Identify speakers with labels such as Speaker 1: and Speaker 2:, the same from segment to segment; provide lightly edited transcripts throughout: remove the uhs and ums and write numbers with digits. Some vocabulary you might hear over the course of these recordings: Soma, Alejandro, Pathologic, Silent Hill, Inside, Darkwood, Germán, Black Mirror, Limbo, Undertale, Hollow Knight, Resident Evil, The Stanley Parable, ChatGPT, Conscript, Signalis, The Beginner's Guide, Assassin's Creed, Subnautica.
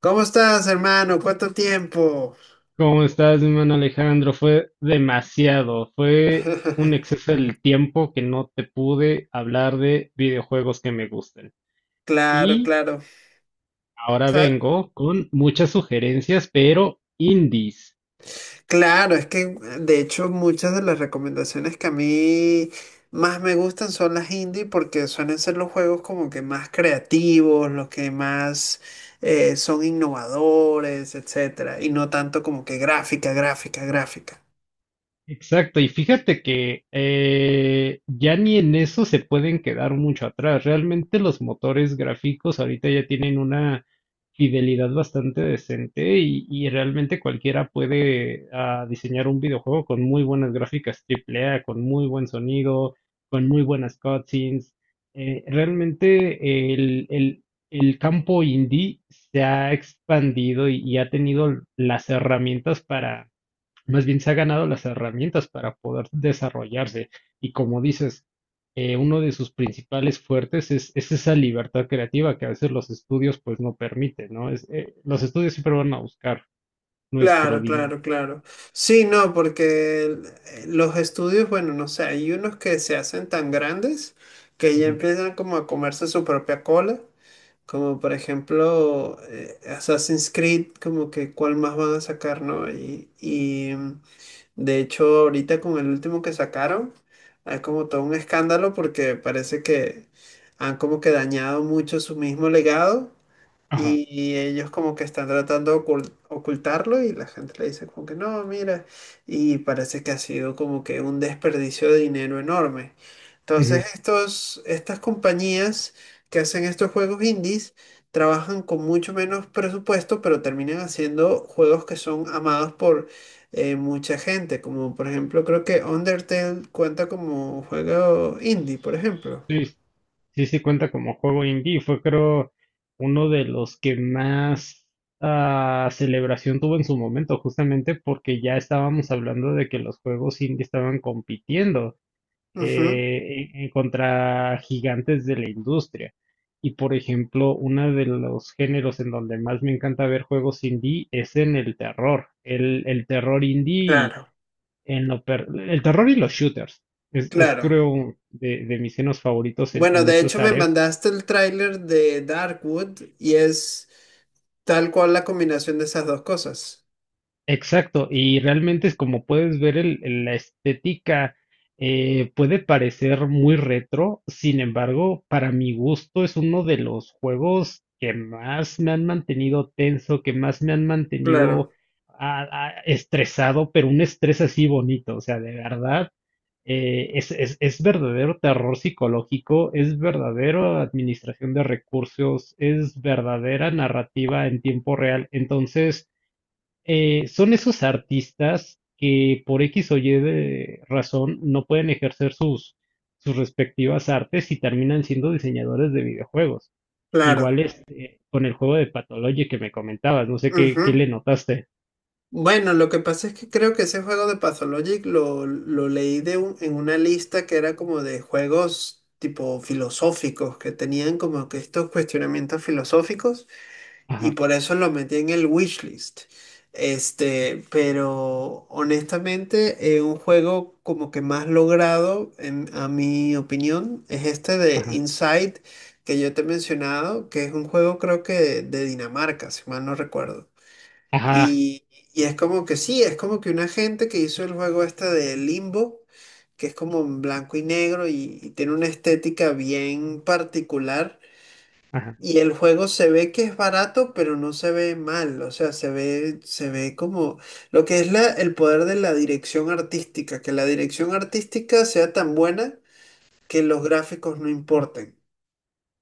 Speaker 1: ¿Cómo estás, hermano? ¿Cuánto tiempo?
Speaker 2: ¿Cómo estás, mi hermano Alejandro? Fue demasiado, fue un exceso del tiempo que no te pude hablar de videojuegos que me gusten.
Speaker 1: Claro,
Speaker 2: Y
Speaker 1: claro.
Speaker 2: ahora
Speaker 1: Sa-
Speaker 2: vengo con muchas sugerencias, pero indies.
Speaker 1: Claro, es que de hecho muchas de las recomendaciones que a mí más me gustan son las indie porque suelen ser los juegos como que más creativos, los que más son innovadores, etcétera, y no tanto como que gráfica, gráfica, gráfica.
Speaker 2: Exacto, y fíjate que ya ni en eso se pueden quedar mucho atrás. Realmente los motores gráficos ahorita ya tienen una fidelidad bastante decente y realmente cualquiera puede diseñar un videojuego con muy buenas gráficas AAA, con muy buen sonido, con muy buenas cutscenes. Realmente el campo indie se ha expandido y ha tenido las herramientas para, más bien, se ha ganado las herramientas para poder desarrollarse. Y como dices, uno de sus principales fuertes es esa libertad creativa que a veces los estudios pues no permiten, ¿no? Los estudios siempre van a buscar nuestro
Speaker 1: Claro,
Speaker 2: dinero.
Speaker 1: claro, claro. Sí, no, porque los estudios, bueno, no sé, hay unos que se hacen tan grandes que ya
Speaker 2: Ujú.
Speaker 1: empiezan como a comerse su propia cola, como por ejemplo Assassin's Creed, como que cuál más van a sacar, ¿no? De hecho ahorita con el último que sacaron, hay como todo un escándalo porque parece que han como que dañado mucho su mismo legado
Speaker 2: Ajá.
Speaker 1: y ellos como que están tratando de ocultarlo, y la gente le dice como que no, mira, y parece que ha sido como que un desperdicio de dinero enorme. Entonces
Speaker 2: Ujú.
Speaker 1: estos, estas compañías que hacen estos juegos indies trabajan con mucho menos presupuesto, pero terminan haciendo juegos que son amados por mucha gente, como por ejemplo creo que Undertale cuenta como juego indie, por ejemplo.
Speaker 2: Sí, sí, sí cuenta como juego indie. Fue creo uno de los que más celebración tuvo en su momento, justamente porque ya estábamos hablando de que los juegos indie estaban compitiendo,
Speaker 1: Ujú.
Speaker 2: en contra gigantes de la industria. Y por ejemplo, uno de los géneros en donde más me encanta ver juegos indie es en el terror. El terror indie,
Speaker 1: Claro,
Speaker 2: el terror y los shooters. Es
Speaker 1: claro.
Speaker 2: creo de mis géneros favoritos en,
Speaker 1: Bueno,
Speaker 2: en
Speaker 1: de
Speaker 2: esas
Speaker 1: hecho me
Speaker 2: áreas.
Speaker 1: mandaste el tráiler de Darkwood y es tal cual la combinación de esas dos cosas.
Speaker 2: Exacto, y realmente es como puedes ver la estética, puede parecer muy retro, sin embargo, para mi gusto es uno de los juegos que más me han mantenido tenso, que más me han mantenido,
Speaker 1: Claro,
Speaker 2: estresado, pero un estrés así bonito, o sea, de verdad, es verdadero terror psicológico, es verdadera administración de recursos, es verdadera narrativa en tiempo real. Entonces, son esos artistas que por X o Y de razón no pueden ejercer sus respectivas artes y terminan siendo diseñadores de videojuegos.
Speaker 1: claro.
Speaker 2: Igual con el juego de Pathologic que me comentabas, no sé qué
Speaker 1: Ujú.
Speaker 2: le notaste.
Speaker 1: Bueno, lo que pasa es que creo que ese juego de Pathologic lo leí de en una lista que era como de juegos tipo filosóficos, que tenían como que estos cuestionamientos filosóficos. Y
Speaker 2: Ajá,
Speaker 1: por eso lo metí en el wishlist. Este, pero honestamente, un juego como que más logrado, en, a mi opinión, es este de
Speaker 2: ajá,
Speaker 1: Inside que yo te he mencionado, que es un juego creo que de Dinamarca, si mal no recuerdo.
Speaker 2: ajá,
Speaker 1: Y, y es como que sí, es como que una gente que hizo el juego este de Limbo, que es como en blanco y negro y tiene una estética bien particular.
Speaker 2: ajá.
Speaker 1: Y el juego se ve que es barato, pero no se ve mal, o sea, se ve como lo que es la, el poder de la dirección artística, que la dirección artística sea tan buena que los gráficos no importen.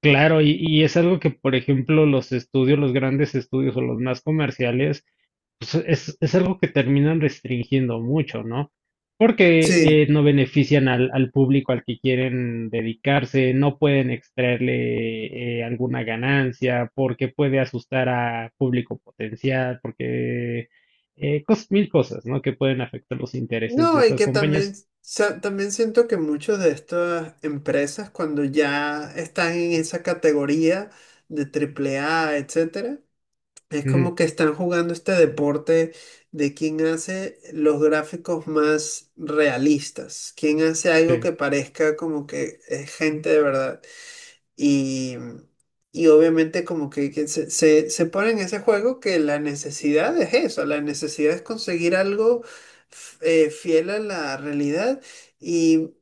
Speaker 2: Claro, y es algo que, por ejemplo, los estudios, los grandes estudios o los más comerciales, pues es algo que terminan restringiendo mucho, ¿no? Porque
Speaker 1: Sí,
Speaker 2: no benefician al público al que quieren dedicarse, no pueden extraerle, alguna ganancia, porque puede asustar a público potencial, porque mil cosas, ¿no? Que pueden afectar los intereses de
Speaker 1: no, y
Speaker 2: esas
Speaker 1: que también,
Speaker 2: compañías.
Speaker 1: también siento que muchas de estas empresas, cuando ya están en esa categoría de triple A, etcétera. Es como
Speaker 2: Ujú.
Speaker 1: que están jugando este deporte de quién hace los gráficos más realistas, quién hace algo
Speaker 2: Sí.
Speaker 1: que parezca como que es gente de verdad. Y, y obviamente como que, se pone en ese juego que la necesidad es eso, la necesidad es conseguir algo fiel a la realidad y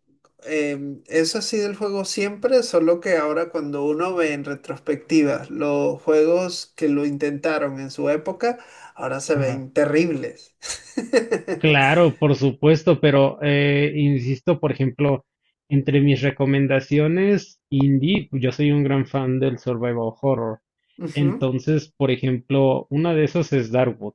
Speaker 1: eso ha sido el juego siempre, solo que ahora cuando uno ve en retrospectiva los juegos que lo intentaron en su época, ahora se ven terribles.
Speaker 2: Claro, por supuesto, pero insisto, por ejemplo, entre mis recomendaciones indie, yo soy un gran fan del survival horror.
Speaker 1: Ujú.
Speaker 2: Entonces, por ejemplo, una de esas es Darkwood.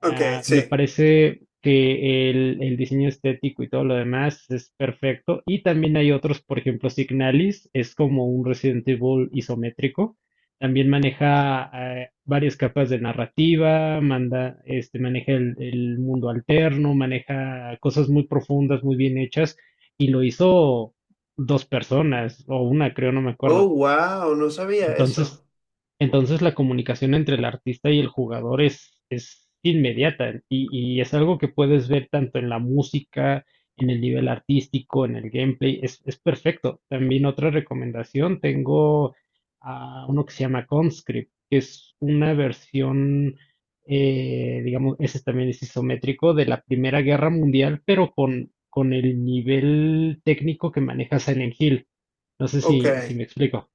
Speaker 1: Ok,
Speaker 2: Ah, me
Speaker 1: sí.
Speaker 2: parece que el diseño estético y todo lo demás es perfecto. Y también hay otros, por ejemplo, Signalis es como un Resident Evil isométrico. También maneja, varias capas de narrativa, maneja el mundo alterno, maneja cosas muy profundas, muy bien hechas, y lo hizo dos personas, o una, creo, no me
Speaker 1: Oh,
Speaker 2: acuerdo.
Speaker 1: wow, no sabía eso.
Speaker 2: Entonces, la comunicación entre el artista y el jugador es inmediata, y es algo que puedes ver tanto en la música, en el nivel artístico, en el gameplay, es perfecto. También otra recomendación, tengo a uno que se llama Conscript, que es una versión, digamos, ese también es isométrico de la Primera Guerra Mundial, pero con el nivel técnico que maneja Silent Hill. No sé
Speaker 1: Ok.
Speaker 2: si me explico.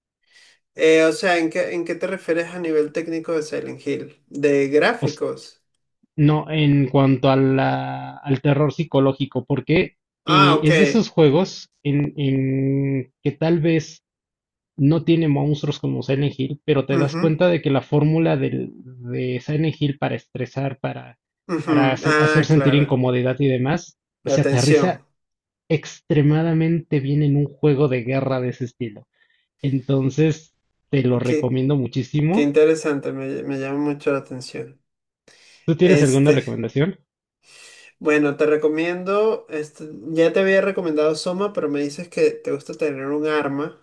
Speaker 1: O sea, en qué te refieres a nivel técnico de Silent Hill? ¿De
Speaker 2: O,
Speaker 1: gráficos?
Speaker 2: No, en cuanto a al terror psicológico, porque
Speaker 1: Ah, ok.
Speaker 2: es de esos juegos en que tal vez no tiene monstruos como Silent Hill, pero te das
Speaker 1: Ujú,
Speaker 2: cuenta de que la fórmula de Silent Hill para estresar,
Speaker 1: ujú.
Speaker 2: hacer
Speaker 1: Ah,
Speaker 2: sentir
Speaker 1: claro.
Speaker 2: incomodidad y demás,
Speaker 1: La
Speaker 2: se aterriza
Speaker 1: atención.
Speaker 2: extremadamente bien en un juego de guerra de ese estilo. Entonces, te lo
Speaker 1: Qué,
Speaker 2: recomiendo
Speaker 1: qué
Speaker 2: muchísimo.
Speaker 1: interesante, me llama mucho la atención.
Speaker 2: ¿Tú tienes alguna
Speaker 1: Este,
Speaker 2: recomendación?
Speaker 1: bueno, te recomiendo, este, ya te había recomendado Soma, pero me dices que te gusta tener un arma.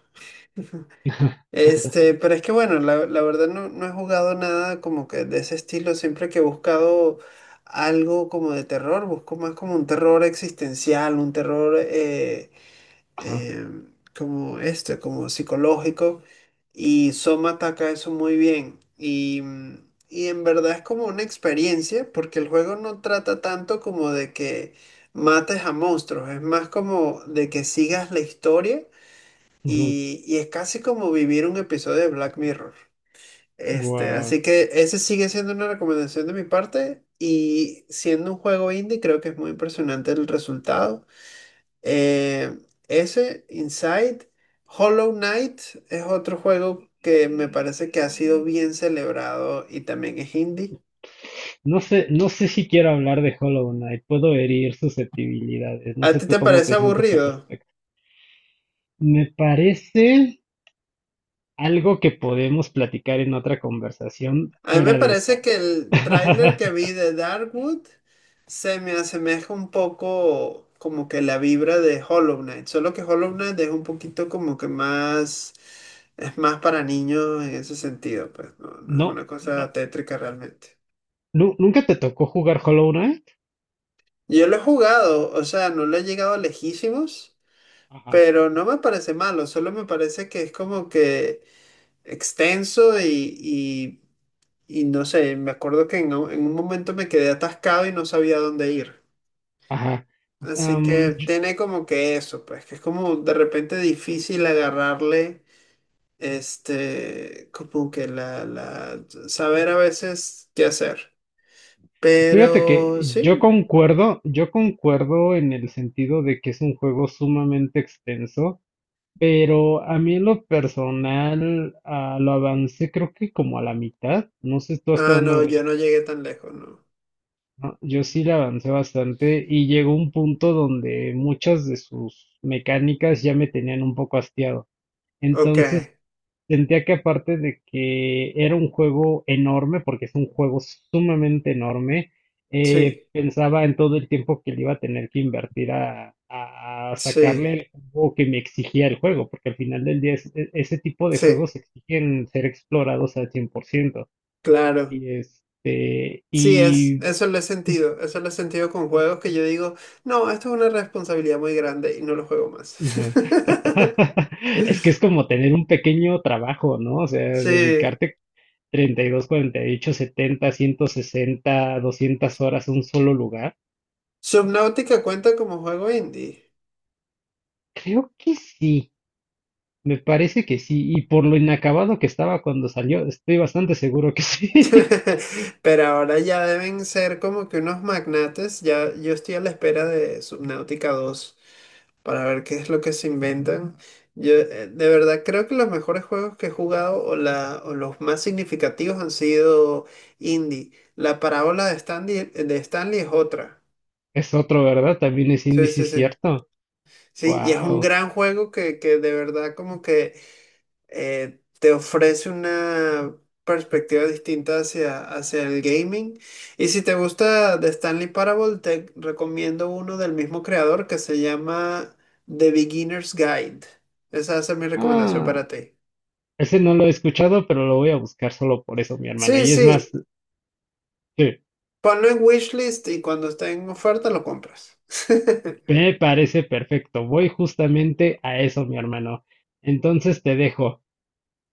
Speaker 1: Este, pero es que bueno, la verdad no, no he jugado nada como que de ese estilo. Siempre que he buscado algo como de terror, busco más como un terror existencial, un terror
Speaker 2: Ajá.
Speaker 1: eh, como este, como psicológico. Y Soma ataca eso muy bien. Y y en verdad es como una experiencia, porque el juego no trata tanto como de que mates a monstruos, es más como de que sigas la historia y es casi como vivir un episodio de Black Mirror. Este,
Speaker 2: Guau.
Speaker 1: así que ese sigue siendo una recomendación de mi parte. Y siendo un juego indie, creo que es muy impresionante el resultado. Eh, Ese, Inside, Hollow Knight es otro juego que me parece que ha sido bien celebrado y también es indie.
Speaker 2: No sé si quiero hablar de Hollow Knight, puedo herir susceptibilidades, no
Speaker 1: ¿A ti
Speaker 2: sé tú
Speaker 1: te
Speaker 2: cómo
Speaker 1: parece
Speaker 2: te sientas al
Speaker 1: aburrido?
Speaker 2: respecto. Me parece algo que podemos platicar en otra conversación
Speaker 1: A mí me
Speaker 2: fuera de
Speaker 1: parece
Speaker 2: esta.
Speaker 1: que el tráiler que vi de Darkwood se me asemeja un poco como que la vibra de Hollow Knight, solo que Hollow Knight es un poquito como que más, es más para niños en ese sentido, pues no, no es
Speaker 2: No,
Speaker 1: una
Speaker 2: no,
Speaker 1: cosa tétrica realmente.
Speaker 2: nunca te tocó jugar Hollow Knight.
Speaker 1: Yo lo he jugado, o sea, no lo he llegado lejísimos,
Speaker 2: Ajá.
Speaker 1: pero no me parece malo, solo me parece que es como que extenso y no sé, me acuerdo que en un momento me quedé atascado y no sabía dónde ir.
Speaker 2: Ajá.
Speaker 1: Así que
Speaker 2: Am, yo-
Speaker 1: tiene como que eso, pues, que es como de repente difícil agarrarle, este, como que saber a veces qué hacer.
Speaker 2: fíjate
Speaker 1: Pero
Speaker 2: que yo
Speaker 1: sí.
Speaker 2: concuerdo, yo concuerdo en el sentido de que es un juego sumamente extenso. Pero a mí en lo personal, lo avancé creo que como a la mitad, no sé tú hasta
Speaker 1: Ah,
Speaker 2: dónde
Speaker 1: no,
Speaker 2: habrás
Speaker 1: yo no
Speaker 2: llegado,
Speaker 1: llegué tan lejos, ¿no?
Speaker 2: ¿no? Yo sí le avancé bastante y llegó un punto donde muchas de sus mecánicas ya me tenían un poco hastiado.
Speaker 1: Ok,
Speaker 2: Entonces sentía que, aparte de que era un juego enorme, porque es un juego sumamente enorme,
Speaker 1: sí,
Speaker 2: pensaba en todo el tiempo que le iba a tener que invertir a, a
Speaker 1: sí,
Speaker 2: sacarle el juego que me exigía el juego, porque al final del día ese tipo de
Speaker 1: sí,
Speaker 2: juegos exigen ser explorados al 100%.
Speaker 1: claro.
Speaker 2: Y este,
Speaker 1: Sí, es,
Speaker 2: y
Speaker 1: eso lo he sentido, eso lo he sentido con juegos que yo digo, no, esto es una responsabilidad muy grande y no lo juego más.
Speaker 2: Es que es como tener un pequeño trabajo, ¿no? O sea,
Speaker 1: Sí,
Speaker 2: ¿dedicarte 32, 48, 160, 200 horas a un solo lugar?
Speaker 1: Subnautica cuenta como juego indie.
Speaker 2: Creo que sí, me parece que sí, y por lo inacabado que estaba cuando salió, estoy bastante seguro que sí.
Speaker 1: Pero ahora ya deben ser como que unos magnates, ya yo estoy a la espera de Subnautica 2, para ver qué es lo que se inventan. Yo de verdad creo que los mejores juegos que he jugado o, la, o los más significativos han sido indie. La parábola de Stanley es otra.
Speaker 2: Es otro, ¿verdad? También es
Speaker 1: Sí,
Speaker 2: índice
Speaker 1: sí, sí.
Speaker 2: cierto.
Speaker 1: Sí, y es un
Speaker 2: Wow.
Speaker 1: gran juego que de verdad como que te ofrece una perspectiva distinta hacia, hacia el gaming. Y si te gusta The Stanley Parable, te recomiendo uno del mismo creador que se llama The Beginner's Guide. Esa es mi recomendación
Speaker 2: Ah,
Speaker 1: para ti.
Speaker 2: ese no lo he escuchado, pero lo voy a buscar solo por eso, mi hermano.
Speaker 1: Sí,
Speaker 2: Y es más,
Speaker 1: sí,
Speaker 2: sí,
Speaker 1: ponlo en wishlist y cuando esté en oferta lo compras.
Speaker 2: me parece perfecto. Voy justamente a eso, mi hermano. Entonces te dejo.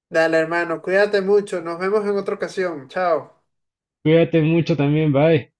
Speaker 1: Dale, hermano, cuídate mucho. Nos vemos en otra ocasión. Chao.
Speaker 2: Cuídate mucho también, bye.